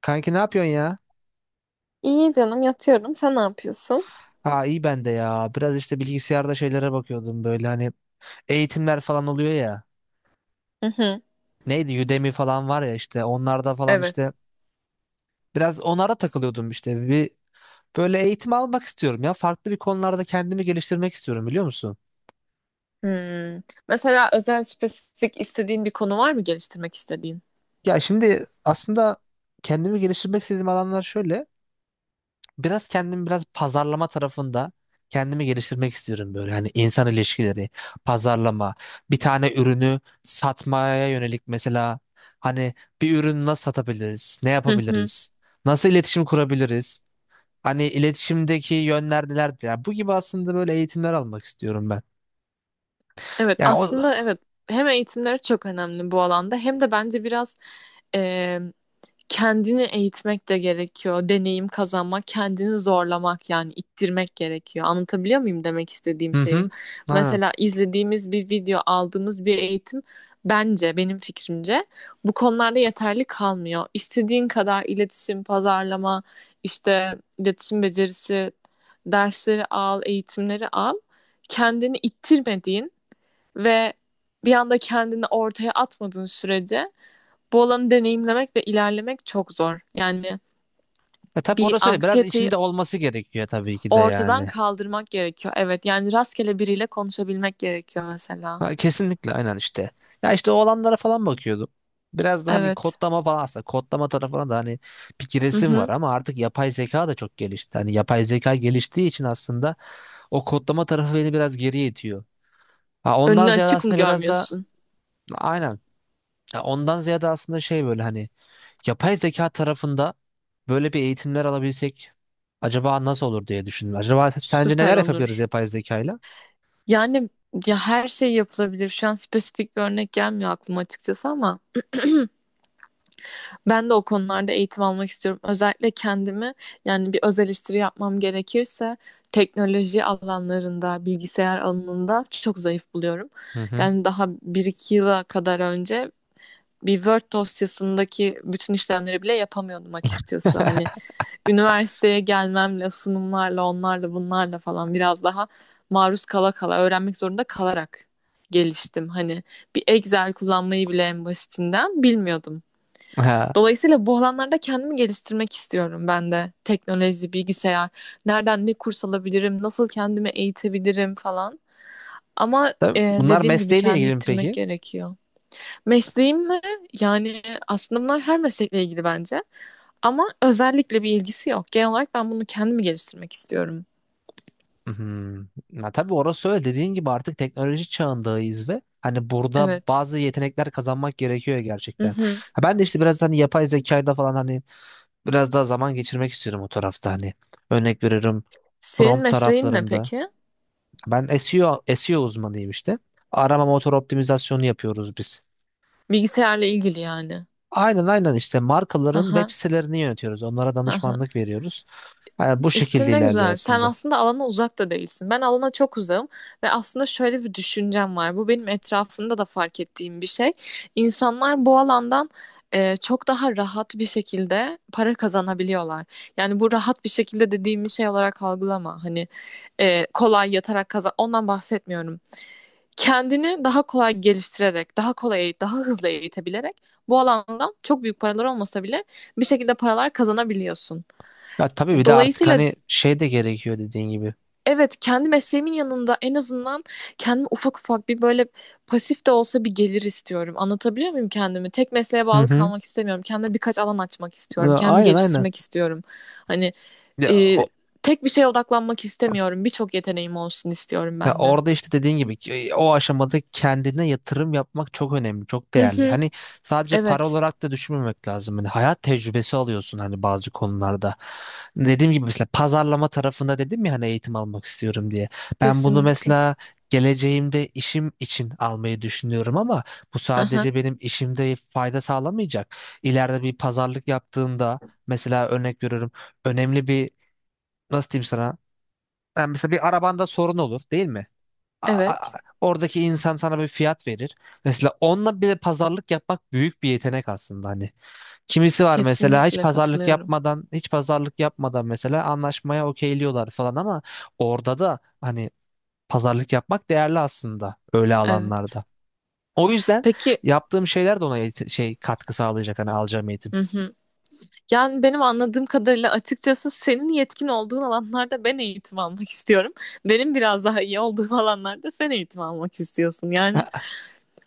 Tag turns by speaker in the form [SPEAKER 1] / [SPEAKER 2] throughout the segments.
[SPEAKER 1] Kanki ne yapıyorsun ya?
[SPEAKER 2] İyi canım yatıyorum. Sen ne yapıyorsun?
[SPEAKER 1] Ha iyi ben de ya. Biraz işte bilgisayarda şeylere bakıyordum böyle hani eğitimler falan oluyor ya.
[SPEAKER 2] Hı hı.
[SPEAKER 1] Neydi Udemy falan var ya işte onlarda falan
[SPEAKER 2] Evet.
[SPEAKER 1] işte biraz onlara takılıyordum işte. Bir böyle eğitim almak istiyorum ya. Farklı bir konularda kendimi geliştirmek istiyorum biliyor musun?
[SPEAKER 2] Hmm. Mesela özel spesifik istediğin bir konu var mı geliştirmek istediğin?
[SPEAKER 1] Ya şimdi aslında kendimi geliştirmek istediğim alanlar şöyle. Biraz kendimi biraz pazarlama tarafında kendimi geliştirmek istiyorum böyle. Hani insan ilişkileri, pazarlama, bir tane ürünü satmaya yönelik mesela hani bir ürünü nasıl satabiliriz, ne
[SPEAKER 2] Hı hı.
[SPEAKER 1] yapabiliriz, nasıl iletişim kurabiliriz? Hani iletişimdeki yönler nelerdir? Yani bu gibi aslında böyle eğitimler almak istiyorum ben.
[SPEAKER 2] Evet
[SPEAKER 1] Yani o...
[SPEAKER 2] aslında evet hem eğitimleri çok önemli bu alanda hem de bence biraz kendini eğitmek de gerekiyor. Deneyim kazanmak, kendini zorlamak yani ittirmek gerekiyor. Anlatabiliyor muyum demek istediğim
[SPEAKER 1] Hı
[SPEAKER 2] şeyi?
[SPEAKER 1] hı. Aynen.
[SPEAKER 2] Mesela izlediğimiz bir video, aldığımız bir eğitim bence benim fikrimce bu konularda yeterli kalmıyor. İstediğin kadar iletişim, pazarlama, işte iletişim becerisi dersleri al, eğitimleri al. Kendini ittirmediğin ve bir anda kendini ortaya atmadığın sürece bu olanı deneyimlemek ve ilerlemek çok zor. Yani
[SPEAKER 1] E tabii
[SPEAKER 2] bir
[SPEAKER 1] orası öyle. Biraz
[SPEAKER 2] anksiyeteyi
[SPEAKER 1] içinde olması gerekiyor tabii ki de
[SPEAKER 2] ortadan
[SPEAKER 1] yani.
[SPEAKER 2] kaldırmak gerekiyor. Evet, yani rastgele biriyle konuşabilmek gerekiyor mesela.
[SPEAKER 1] Ha, kesinlikle aynen işte. Ya işte olanlara falan bakıyordum. Biraz da hani
[SPEAKER 2] Evet.
[SPEAKER 1] kodlama falan aslında kodlama tarafına da hani bir
[SPEAKER 2] Hı
[SPEAKER 1] giresim var
[SPEAKER 2] hı.
[SPEAKER 1] ama artık yapay zeka da çok gelişti. Hani yapay zeka geliştiği için aslında o kodlama tarafı beni biraz geriye itiyor. Ha,
[SPEAKER 2] Önünü
[SPEAKER 1] ondan ziyade
[SPEAKER 2] açık mı
[SPEAKER 1] aslında biraz da
[SPEAKER 2] görmüyorsun?
[SPEAKER 1] aynen. Ya ondan ziyade aslında şey böyle hani yapay zeka tarafında böyle bir eğitimler alabilsek acaba nasıl olur diye düşündüm. Acaba sence
[SPEAKER 2] Süper
[SPEAKER 1] neler yapabiliriz
[SPEAKER 2] olur.
[SPEAKER 1] yapay zekayla?
[SPEAKER 2] Yani ya her şey yapılabilir. Şu an spesifik bir örnek gelmiyor aklıma açıkçası ama ben de o konularda eğitim almak istiyorum. Özellikle kendimi yani bir öz eleştiri yapmam gerekirse teknoloji alanlarında, bilgisayar alanında çok zayıf buluyorum.
[SPEAKER 1] Hı hı.
[SPEAKER 2] Yani daha bir iki yıla kadar önce bir Word dosyasındaki bütün işlemleri bile yapamıyordum açıkçası. Hani üniversiteye gelmemle, sunumlarla, onlarla, bunlarla falan biraz daha maruz kala kala, öğrenmek zorunda kalarak geliştim. Hani bir Excel kullanmayı bile en basitinden bilmiyordum.
[SPEAKER 1] Ha.
[SPEAKER 2] Dolayısıyla bu alanlarda kendimi geliştirmek istiyorum ben de. Teknoloji, bilgisayar, nereden ne kurs alabilirim, nasıl kendimi eğitebilirim falan. Ama
[SPEAKER 1] Tabii bunlar
[SPEAKER 2] dediğim gibi
[SPEAKER 1] mesleğiyle
[SPEAKER 2] kendini
[SPEAKER 1] ilgili mi
[SPEAKER 2] ittirmek
[SPEAKER 1] peki?
[SPEAKER 2] gerekiyor. Mesleğimle yani aslında bunlar her meslekle ilgili bence. Ama özellikle bir ilgisi yok. Genel olarak ben bunu kendimi geliştirmek istiyorum.
[SPEAKER 1] Hı. Ya tabii orası öyle. Dediğin gibi artık teknoloji çağındayız ve hani burada
[SPEAKER 2] Evet.
[SPEAKER 1] bazı yetenekler kazanmak gerekiyor
[SPEAKER 2] Hı
[SPEAKER 1] gerçekten.
[SPEAKER 2] hı.
[SPEAKER 1] Ha ben de işte biraz hani yapay zekayla falan hani biraz daha zaman geçirmek istiyorum o tarafta hani. Örnek veririm
[SPEAKER 2] Senin
[SPEAKER 1] prompt
[SPEAKER 2] mesleğin ne
[SPEAKER 1] taraflarında.
[SPEAKER 2] peki?
[SPEAKER 1] Ben SEO, SEO uzmanıyım işte. Arama motor optimizasyonu yapıyoruz biz.
[SPEAKER 2] Bilgisayarla ilgili yani.
[SPEAKER 1] Aynen aynen işte markaların
[SPEAKER 2] Aha,
[SPEAKER 1] web sitelerini yönetiyoruz. Onlara
[SPEAKER 2] aha.
[SPEAKER 1] danışmanlık veriyoruz. Yani bu
[SPEAKER 2] İşte
[SPEAKER 1] şekilde
[SPEAKER 2] ne
[SPEAKER 1] ilerliyor
[SPEAKER 2] güzel. Sen
[SPEAKER 1] aslında.
[SPEAKER 2] aslında alana uzak da değilsin. Ben alana çok uzağım ve aslında şöyle bir düşüncem var. Bu benim etrafımda da fark ettiğim bir şey. İnsanlar bu alandan çok daha rahat bir şekilde para kazanabiliyorlar. Yani bu rahat bir şekilde dediğim bir şey olarak algılama. Hani kolay yatarak kazan. Ondan bahsetmiyorum. Kendini daha kolay geliştirerek, daha kolay, daha hızlı eğitebilerek bu alandan çok büyük paralar olmasa bile bir şekilde paralar kazanabiliyorsun.
[SPEAKER 1] Ya tabii bir de artık
[SPEAKER 2] Dolayısıyla
[SPEAKER 1] hani şey de gerekiyor dediğin gibi.
[SPEAKER 2] evet, kendi mesleğimin yanında en azından kendime ufak ufak bir böyle pasif de olsa bir gelir istiyorum. Anlatabiliyor muyum kendimi? Tek mesleğe
[SPEAKER 1] Hı
[SPEAKER 2] bağlı
[SPEAKER 1] hı.
[SPEAKER 2] kalmak istemiyorum. Kendime birkaç alan açmak istiyorum.
[SPEAKER 1] Ya,
[SPEAKER 2] Kendimi
[SPEAKER 1] aynen aynen.
[SPEAKER 2] geliştirmek istiyorum. Hani
[SPEAKER 1] Ya,
[SPEAKER 2] e, tek bir şeye odaklanmak istemiyorum. Birçok yeteneğim olsun istiyorum
[SPEAKER 1] ya
[SPEAKER 2] ben de.
[SPEAKER 1] orada işte dediğin gibi ki, o aşamada kendine yatırım yapmak çok önemli, çok
[SPEAKER 2] Hı
[SPEAKER 1] değerli.
[SPEAKER 2] hı,
[SPEAKER 1] Hani sadece para
[SPEAKER 2] evet,
[SPEAKER 1] olarak da düşünmemek lazım. Hani hayat tecrübesi alıyorsun hani bazı konularda. Dediğim gibi mesela pazarlama tarafında dedim ya hani eğitim almak istiyorum diye. Ben bunu
[SPEAKER 2] kesinlikle.
[SPEAKER 1] mesela geleceğimde işim için almayı düşünüyorum ama bu
[SPEAKER 2] Hı hı,
[SPEAKER 1] sadece benim işimde fayda sağlamayacak. İleride bir pazarlık yaptığında mesela örnek veriyorum önemli bir nasıl diyeyim sana? Yani mesela bir arabanda sorun olur değil mi? a- a-
[SPEAKER 2] evet,
[SPEAKER 1] Oradaki insan sana bir fiyat verir. Mesela onunla bile pazarlık yapmak büyük bir yetenek aslında hani. Kimisi var mesela hiç
[SPEAKER 2] kesinlikle
[SPEAKER 1] pazarlık
[SPEAKER 2] katılıyorum.
[SPEAKER 1] yapmadan, hiç pazarlık yapmadan mesela anlaşmaya okeyliyorlar falan ama orada da hani pazarlık yapmak değerli aslında öyle
[SPEAKER 2] Evet.
[SPEAKER 1] alanlarda. O yüzden
[SPEAKER 2] Peki.
[SPEAKER 1] yaptığım şeyler de ona şey katkı sağlayacak hani alacağım eğitim.
[SPEAKER 2] Hı hı. Yani benim anladığım kadarıyla açıkçası senin yetkin olduğun alanlarda ben eğitim almak istiyorum. Benim biraz daha iyi olduğum alanlarda sen eğitim almak istiyorsun. Yani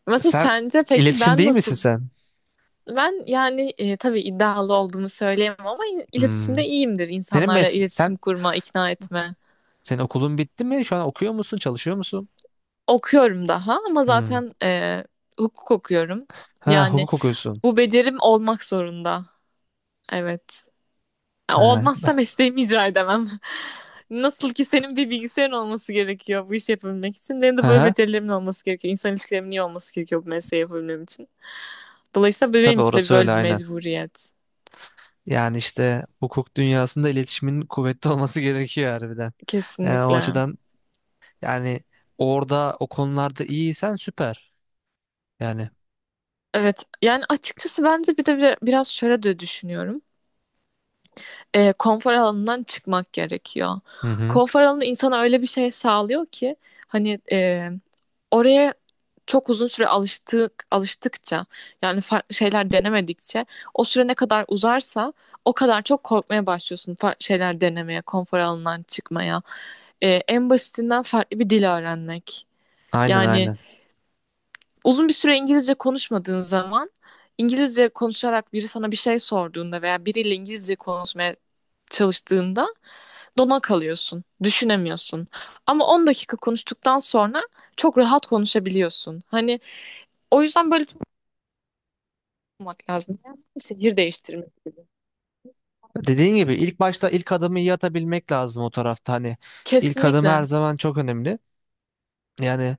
[SPEAKER 2] mesela
[SPEAKER 1] Sen
[SPEAKER 2] sence peki
[SPEAKER 1] iletişim
[SPEAKER 2] ben
[SPEAKER 1] değil misin
[SPEAKER 2] nasıl?
[SPEAKER 1] sen?
[SPEAKER 2] Ben yani tabii iddialı olduğumu söyleyemem ama iletişimde
[SPEAKER 1] Hmm.
[SPEAKER 2] iyiyimdir.
[SPEAKER 1] Senin
[SPEAKER 2] İnsanlarla
[SPEAKER 1] mes
[SPEAKER 2] iletişim
[SPEAKER 1] sen
[SPEAKER 2] kurma, ikna etme.
[SPEAKER 1] senin okulun bitti mi? Şu an okuyor musun, çalışıyor musun?
[SPEAKER 2] Okuyorum daha ama
[SPEAKER 1] Hmm.
[SPEAKER 2] zaten hukuk okuyorum.
[SPEAKER 1] Ha,
[SPEAKER 2] Yani
[SPEAKER 1] hukuk okuyorsun.
[SPEAKER 2] bu becerim olmak zorunda. Evet. Ya
[SPEAKER 1] Ha,
[SPEAKER 2] olmazsa mesleğimi icra edemem. Nasıl ki senin bir bilgisayarın olması gerekiyor bu işi yapabilmek için. Benim de böyle
[SPEAKER 1] hı.
[SPEAKER 2] becerilerim olması gerekiyor. İnsan ilişkilerimin iyi olması gerekiyor bu mesleği yapabilmem için. Dolayısıyla benim
[SPEAKER 1] Tabii
[SPEAKER 2] için de
[SPEAKER 1] orası
[SPEAKER 2] böyle
[SPEAKER 1] öyle
[SPEAKER 2] bir
[SPEAKER 1] aynen.
[SPEAKER 2] mecburiyet.
[SPEAKER 1] Yani işte hukuk dünyasında iletişimin kuvvetli olması gerekiyor harbiden. Yani o
[SPEAKER 2] Kesinlikle.
[SPEAKER 1] açıdan yani orada o konularda iyiysen süper. Yani.
[SPEAKER 2] Evet yani açıkçası bence bir de biraz şöyle de düşünüyorum. Konfor alanından çıkmak gerekiyor.
[SPEAKER 1] Hı hı.
[SPEAKER 2] Konfor alanı insana öyle bir şey sağlıyor ki hani oraya çok uzun süre alıştık alıştıkça yani farklı şeyler denemedikçe o süre ne kadar uzarsa o kadar çok korkmaya başlıyorsun farklı şeyler denemeye, konfor alanından çıkmaya. En basitinden farklı bir dil öğrenmek.
[SPEAKER 1] Aynen
[SPEAKER 2] Yani
[SPEAKER 1] aynen.
[SPEAKER 2] uzun bir süre İngilizce konuşmadığın zaman İngilizce konuşarak biri sana bir şey sorduğunda veya biriyle İngilizce konuşmaya çalıştığında dona kalıyorsun, düşünemiyorsun. Ama 10 dakika konuştuktan sonra çok rahat konuşabiliyorsun. Hani o yüzden böyle çok olmak lazım. Yani şehir değiştirmek gibi.
[SPEAKER 1] Dediğin gibi ilk başta ilk adımı iyi atabilmek lazım o tarafta. Hani ilk adım her
[SPEAKER 2] Kesinlikle.
[SPEAKER 1] zaman çok önemli. Yani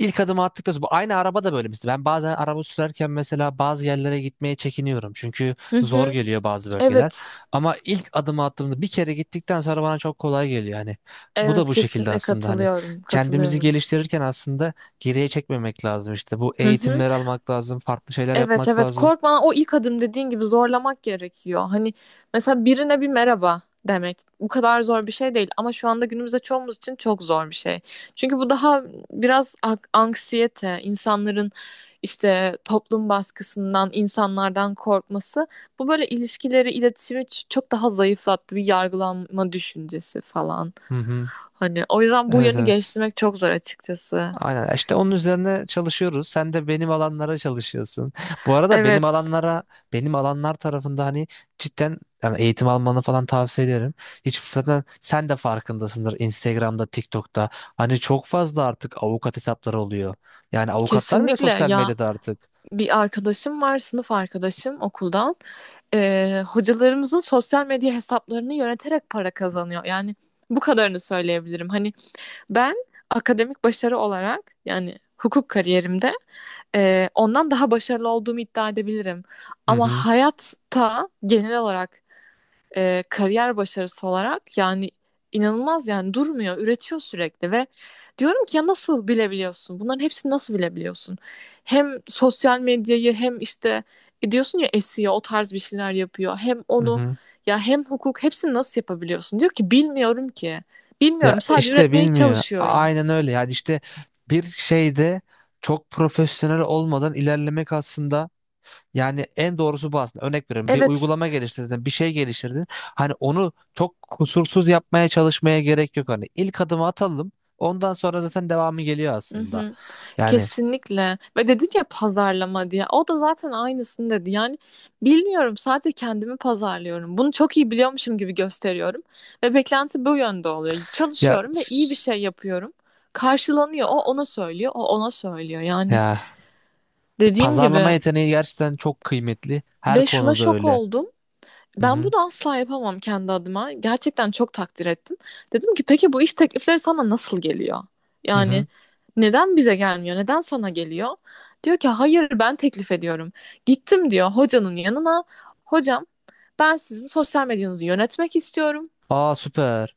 [SPEAKER 1] İlk adımı attıktan sonra bu aynı araba da böyle mesela ben bazen araba sürerken mesela bazı yerlere gitmeye çekiniyorum çünkü
[SPEAKER 2] Hı
[SPEAKER 1] zor
[SPEAKER 2] hı.
[SPEAKER 1] geliyor bazı bölgeler
[SPEAKER 2] Evet.
[SPEAKER 1] ama ilk adımı attığımda bir kere gittikten sonra bana çok kolay geliyor hani bu da
[SPEAKER 2] Evet
[SPEAKER 1] bu şekilde
[SPEAKER 2] kesinlikle
[SPEAKER 1] aslında hani
[SPEAKER 2] katılıyorum.
[SPEAKER 1] kendimizi
[SPEAKER 2] Katılıyorum.
[SPEAKER 1] geliştirirken aslında geriye çekmemek lazım işte bu
[SPEAKER 2] Hı hı.
[SPEAKER 1] eğitimleri almak lazım farklı şeyler
[SPEAKER 2] Evet
[SPEAKER 1] yapmak
[SPEAKER 2] evet
[SPEAKER 1] lazım.
[SPEAKER 2] korkma o ilk adım dediğin gibi zorlamak gerekiyor. Hani mesela birine bir merhaba demek bu kadar zor bir şey değil ama şu anda günümüzde çoğumuz için çok zor bir şey. Çünkü bu daha biraz anksiyete, insanların işte toplum baskısından, insanlardan korkması bu böyle ilişkileri, iletişimi çok daha zayıflattı bir yargılanma düşüncesi falan.
[SPEAKER 1] Hı hı.
[SPEAKER 2] Hani o yüzden bu
[SPEAKER 1] Evet
[SPEAKER 2] yönü
[SPEAKER 1] evet.
[SPEAKER 2] geliştirmek çok zor açıkçası.
[SPEAKER 1] Aynen işte onun üzerine çalışıyoruz. Sen de benim alanlara çalışıyorsun. Bu arada benim
[SPEAKER 2] Evet,
[SPEAKER 1] alanlara benim alanlar tarafında hani cidden yani eğitim almanı falan tavsiye ederim. Hiç zaten sen de farkındasındır Instagram'da, TikTok'ta. Hani çok fazla artık avukat hesapları oluyor. Yani avukatlar bile
[SPEAKER 2] kesinlikle
[SPEAKER 1] sosyal
[SPEAKER 2] ya
[SPEAKER 1] medyada artık.
[SPEAKER 2] bir arkadaşım var, sınıf arkadaşım okuldan. Hocalarımızın sosyal medya hesaplarını yöneterek para kazanıyor. Yani bu kadarını söyleyebilirim. Hani ben akademik başarı olarak yani hukuk kariyerimde ondan daha başarılı olduğumu iddia edebilirim.
[SPEAKER 1] Hı
[SPEAKER 2] Ama
[SPEAKER 1] hı.
[SPEAKER 2] hayatta genel olarak kariyer başarısı olarak yani inanılmaz yani durmuyor, üretiyor sürekli ve diyorum ki ya nasıl bilebiliyorsun? Bunların hepsini nasıl bilebiliyorsun? Hem sosyal medyayı hem işte diyorsun ya SEO o tarz bir şeyler yapıyor. Hem
[SPEAKER 1] Hı
[SPEAKER 2] onu
[SPEAKER 1] hı.
[SPEAKER 2] ya hem hukuk hepsini nasıl yapabiliyorsun? Diyor ki bilmiyorum ki.
[SPEAKER 1] Ya
[SPEAKER 2] Bilmiyorum sadece
[SPEAKER 1] işte
[SPEAKER 2] üretmeye
[SPEAKER 1] bilmiyor.
[SPEAKER 2] çalışıyorum.
[SPEAKER 1] Aynen öyle. Yani işte bir şeyde çok profesyonel olmadan ilerlemek aslında yani en doğrusu bu aslında. Örnek veriyorum bir
[SPEAKER 2] Evet.
[SPEAKER 1] uygulama geliştirdin, bir şey geliştirdin. Hani onu çok kusursuz yapmaya çalışmaya gerek yok. Hani ilk adımı atalım. Ondan sonra zaten devamı geliyor aslında.
[SPEAKER 2] Mhm.
[SPEAKER 1] Yani
[SPEAKER 2] Kesinlikle. Ve dedin ya pazarlama diye. O da zaten aynısını dedi. Yani bilmiyorum sadece kendimi pazarlıyorum. Bunu çok iyi biliyormuşum gibi gösteriyorum. Ve beklenti bu yönde oluyor.
[SPEAKER 1] ya
[SPEAKER 2] Çalışıyorum ve iyi
[SPEAKER 1] s-
[SPEAKER 2] bir şey yapıyorum. Karşılanıyor. O ona söylüyor. O ona söylüyor. Yani
[SPEAKER 1] ya
[SPEAKER 2] dediğim
[SPEAKER 1] pazarlama
[SPEAKER 2] gibi
[SPEAKER 1] yeteneği gerçekten çok kıymetli. Her
[SPEAKER 2] ve şuna
[SPEAKER 1] konuda
[SPEAKER 2] şok
[SPEAKER 1] öyle.
[SPEAKER 2] oldum.
[SPEAKER 1] Hı
[SPEAKER 2] Ben
[SPEAKER 1] hı.
[SPEAKER 2] bunu asla yapamam kendi adıma. Gerçekten çok takdir ettim. Dedim ki peki bu iş teklifleri sana nasıl geliyor?
[SPEAKER 1] Hı
[SPEAKER 2] Yani
[SPEAKER 1] hı.
[SPEAKER 2] neden bize gelmiyor? Neden sana geliyor? Diyor ki hayır ben teklif ediyorum. Gittim diyor hocanın yanına. Hocam ben sizin sosyal medyanızı yönetmek istiyorum.
[SPEAKER 1] Aa süper.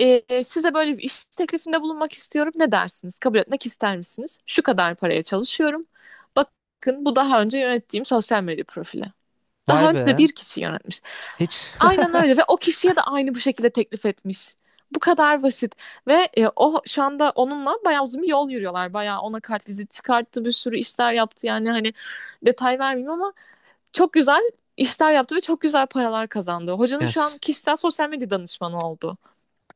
[SPEAKER 2] Size böyle bir iş teklifinde bulunmak istiyorum. Ne dersiniz? Kabul etmek ister misiniz? Şu kadar paraya çalışıyorum. Bakın bu daha önce yönettiğim sosyal medya profili.
[SPEAKER 1] Vay
[SPEAKER 2] Daha önce de
[SPEAKER 1] be.
[SPEAKER 2] bir kişi yönetmiş.
[SPEAKER 1] Hiç
[SPEAKER 2] Aynen öyle ve o kişiye de aynı bu şekilde teklif etmiş. Bu kadar basit ve o şu anda onunla bayağı uzun bir yol yürüyorlar. Bayağı ona kartvizit çıkarttı, bir sürü işler yaptı. Yani hani detay vermeyeyim ama çok güzel işler yaptı ve çok güzel paralar kazandı. Hocanın
[SPEAKER 1] ya,
[SPEAKER 2] şu
[SPEAKER 1] sü-
[SPEAKER 2] an kişisel sosyal medya danışmanı oldu.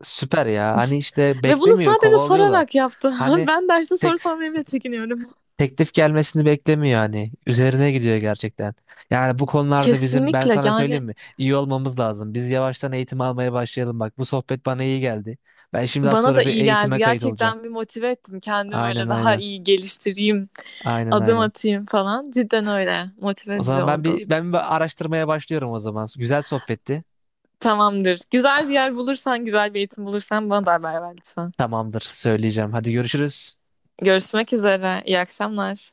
[SPEAKER 1] süper ya. Hani işte
[SPEAKER 2] Ve bunu
[SPEAKER 1] beklemiyor,
[SPEAKER 2] sadece
[SPEAKER 1] kovalıyorlar.
[SPEAKER 2] sorarak yaptı.
[SPEAKER 1] Hani
[SPEAKER 2] Ben derste soru
[SPEAKER 1] tek
[SPEAKER 2] sormaya bile çekiniyorum.
[SPEAKER 1] teklif gelmesini beklemiyor hani. Üzerine gidiyor gerçekten. Yani bu konularda bizim ben
[SPEAKER 2] Kesinlikle
[SPEAKER 1] sana
[SPEAKER 2] yani
[SPEAKER 1] söyleyeyim mi? İyi olmamız lazım. Biz yavaştan eğitim almaya başlayalım bak. Bu sohbet bana iyi geldi. Ben şimdi az
[SPEAKER 2] bana da
[SPEAKER 1] sonra bir
[SPEAKER 2] iyi geldi.
[SPEAKER 1] eğitime kayıt olacağım.
[SPEAKER 2] Gerçekten bir motive ettim. Kendimi böyle
[SPEAKER 1] Aynen
[SPEAKER 2] daha
[SPEAKER 1] aynen.
[SPEAKER 2] iyi geliştireyim,
[SPEAKER 1] Aynen
[SPEAKER 2] adım
[SPEAKER 1] aynen.
[SPEAKER 2] atayım falan. Cidden öyle. Motive
[SPEAKER 1] O
[SPEAKER 2] edici
[SPEAKER 1] zaman ben
[SPEAKER 2] oldu.
[SPEAKER 1] bir ben bir araştırmaya başlıyorum o zaman. Güzel sohbetti.
[SPEAKER 2] Tamamdır. Güzel bir yer bulursan, güzel bir eğitim bulursan bana da haber ver lütfen.
[SPEAKER 1] Tamamdır, söyleyeceğim. Hadi görüşürüz.
[SPEAKER 2] Görüşmek üzere. İyi akşamlar.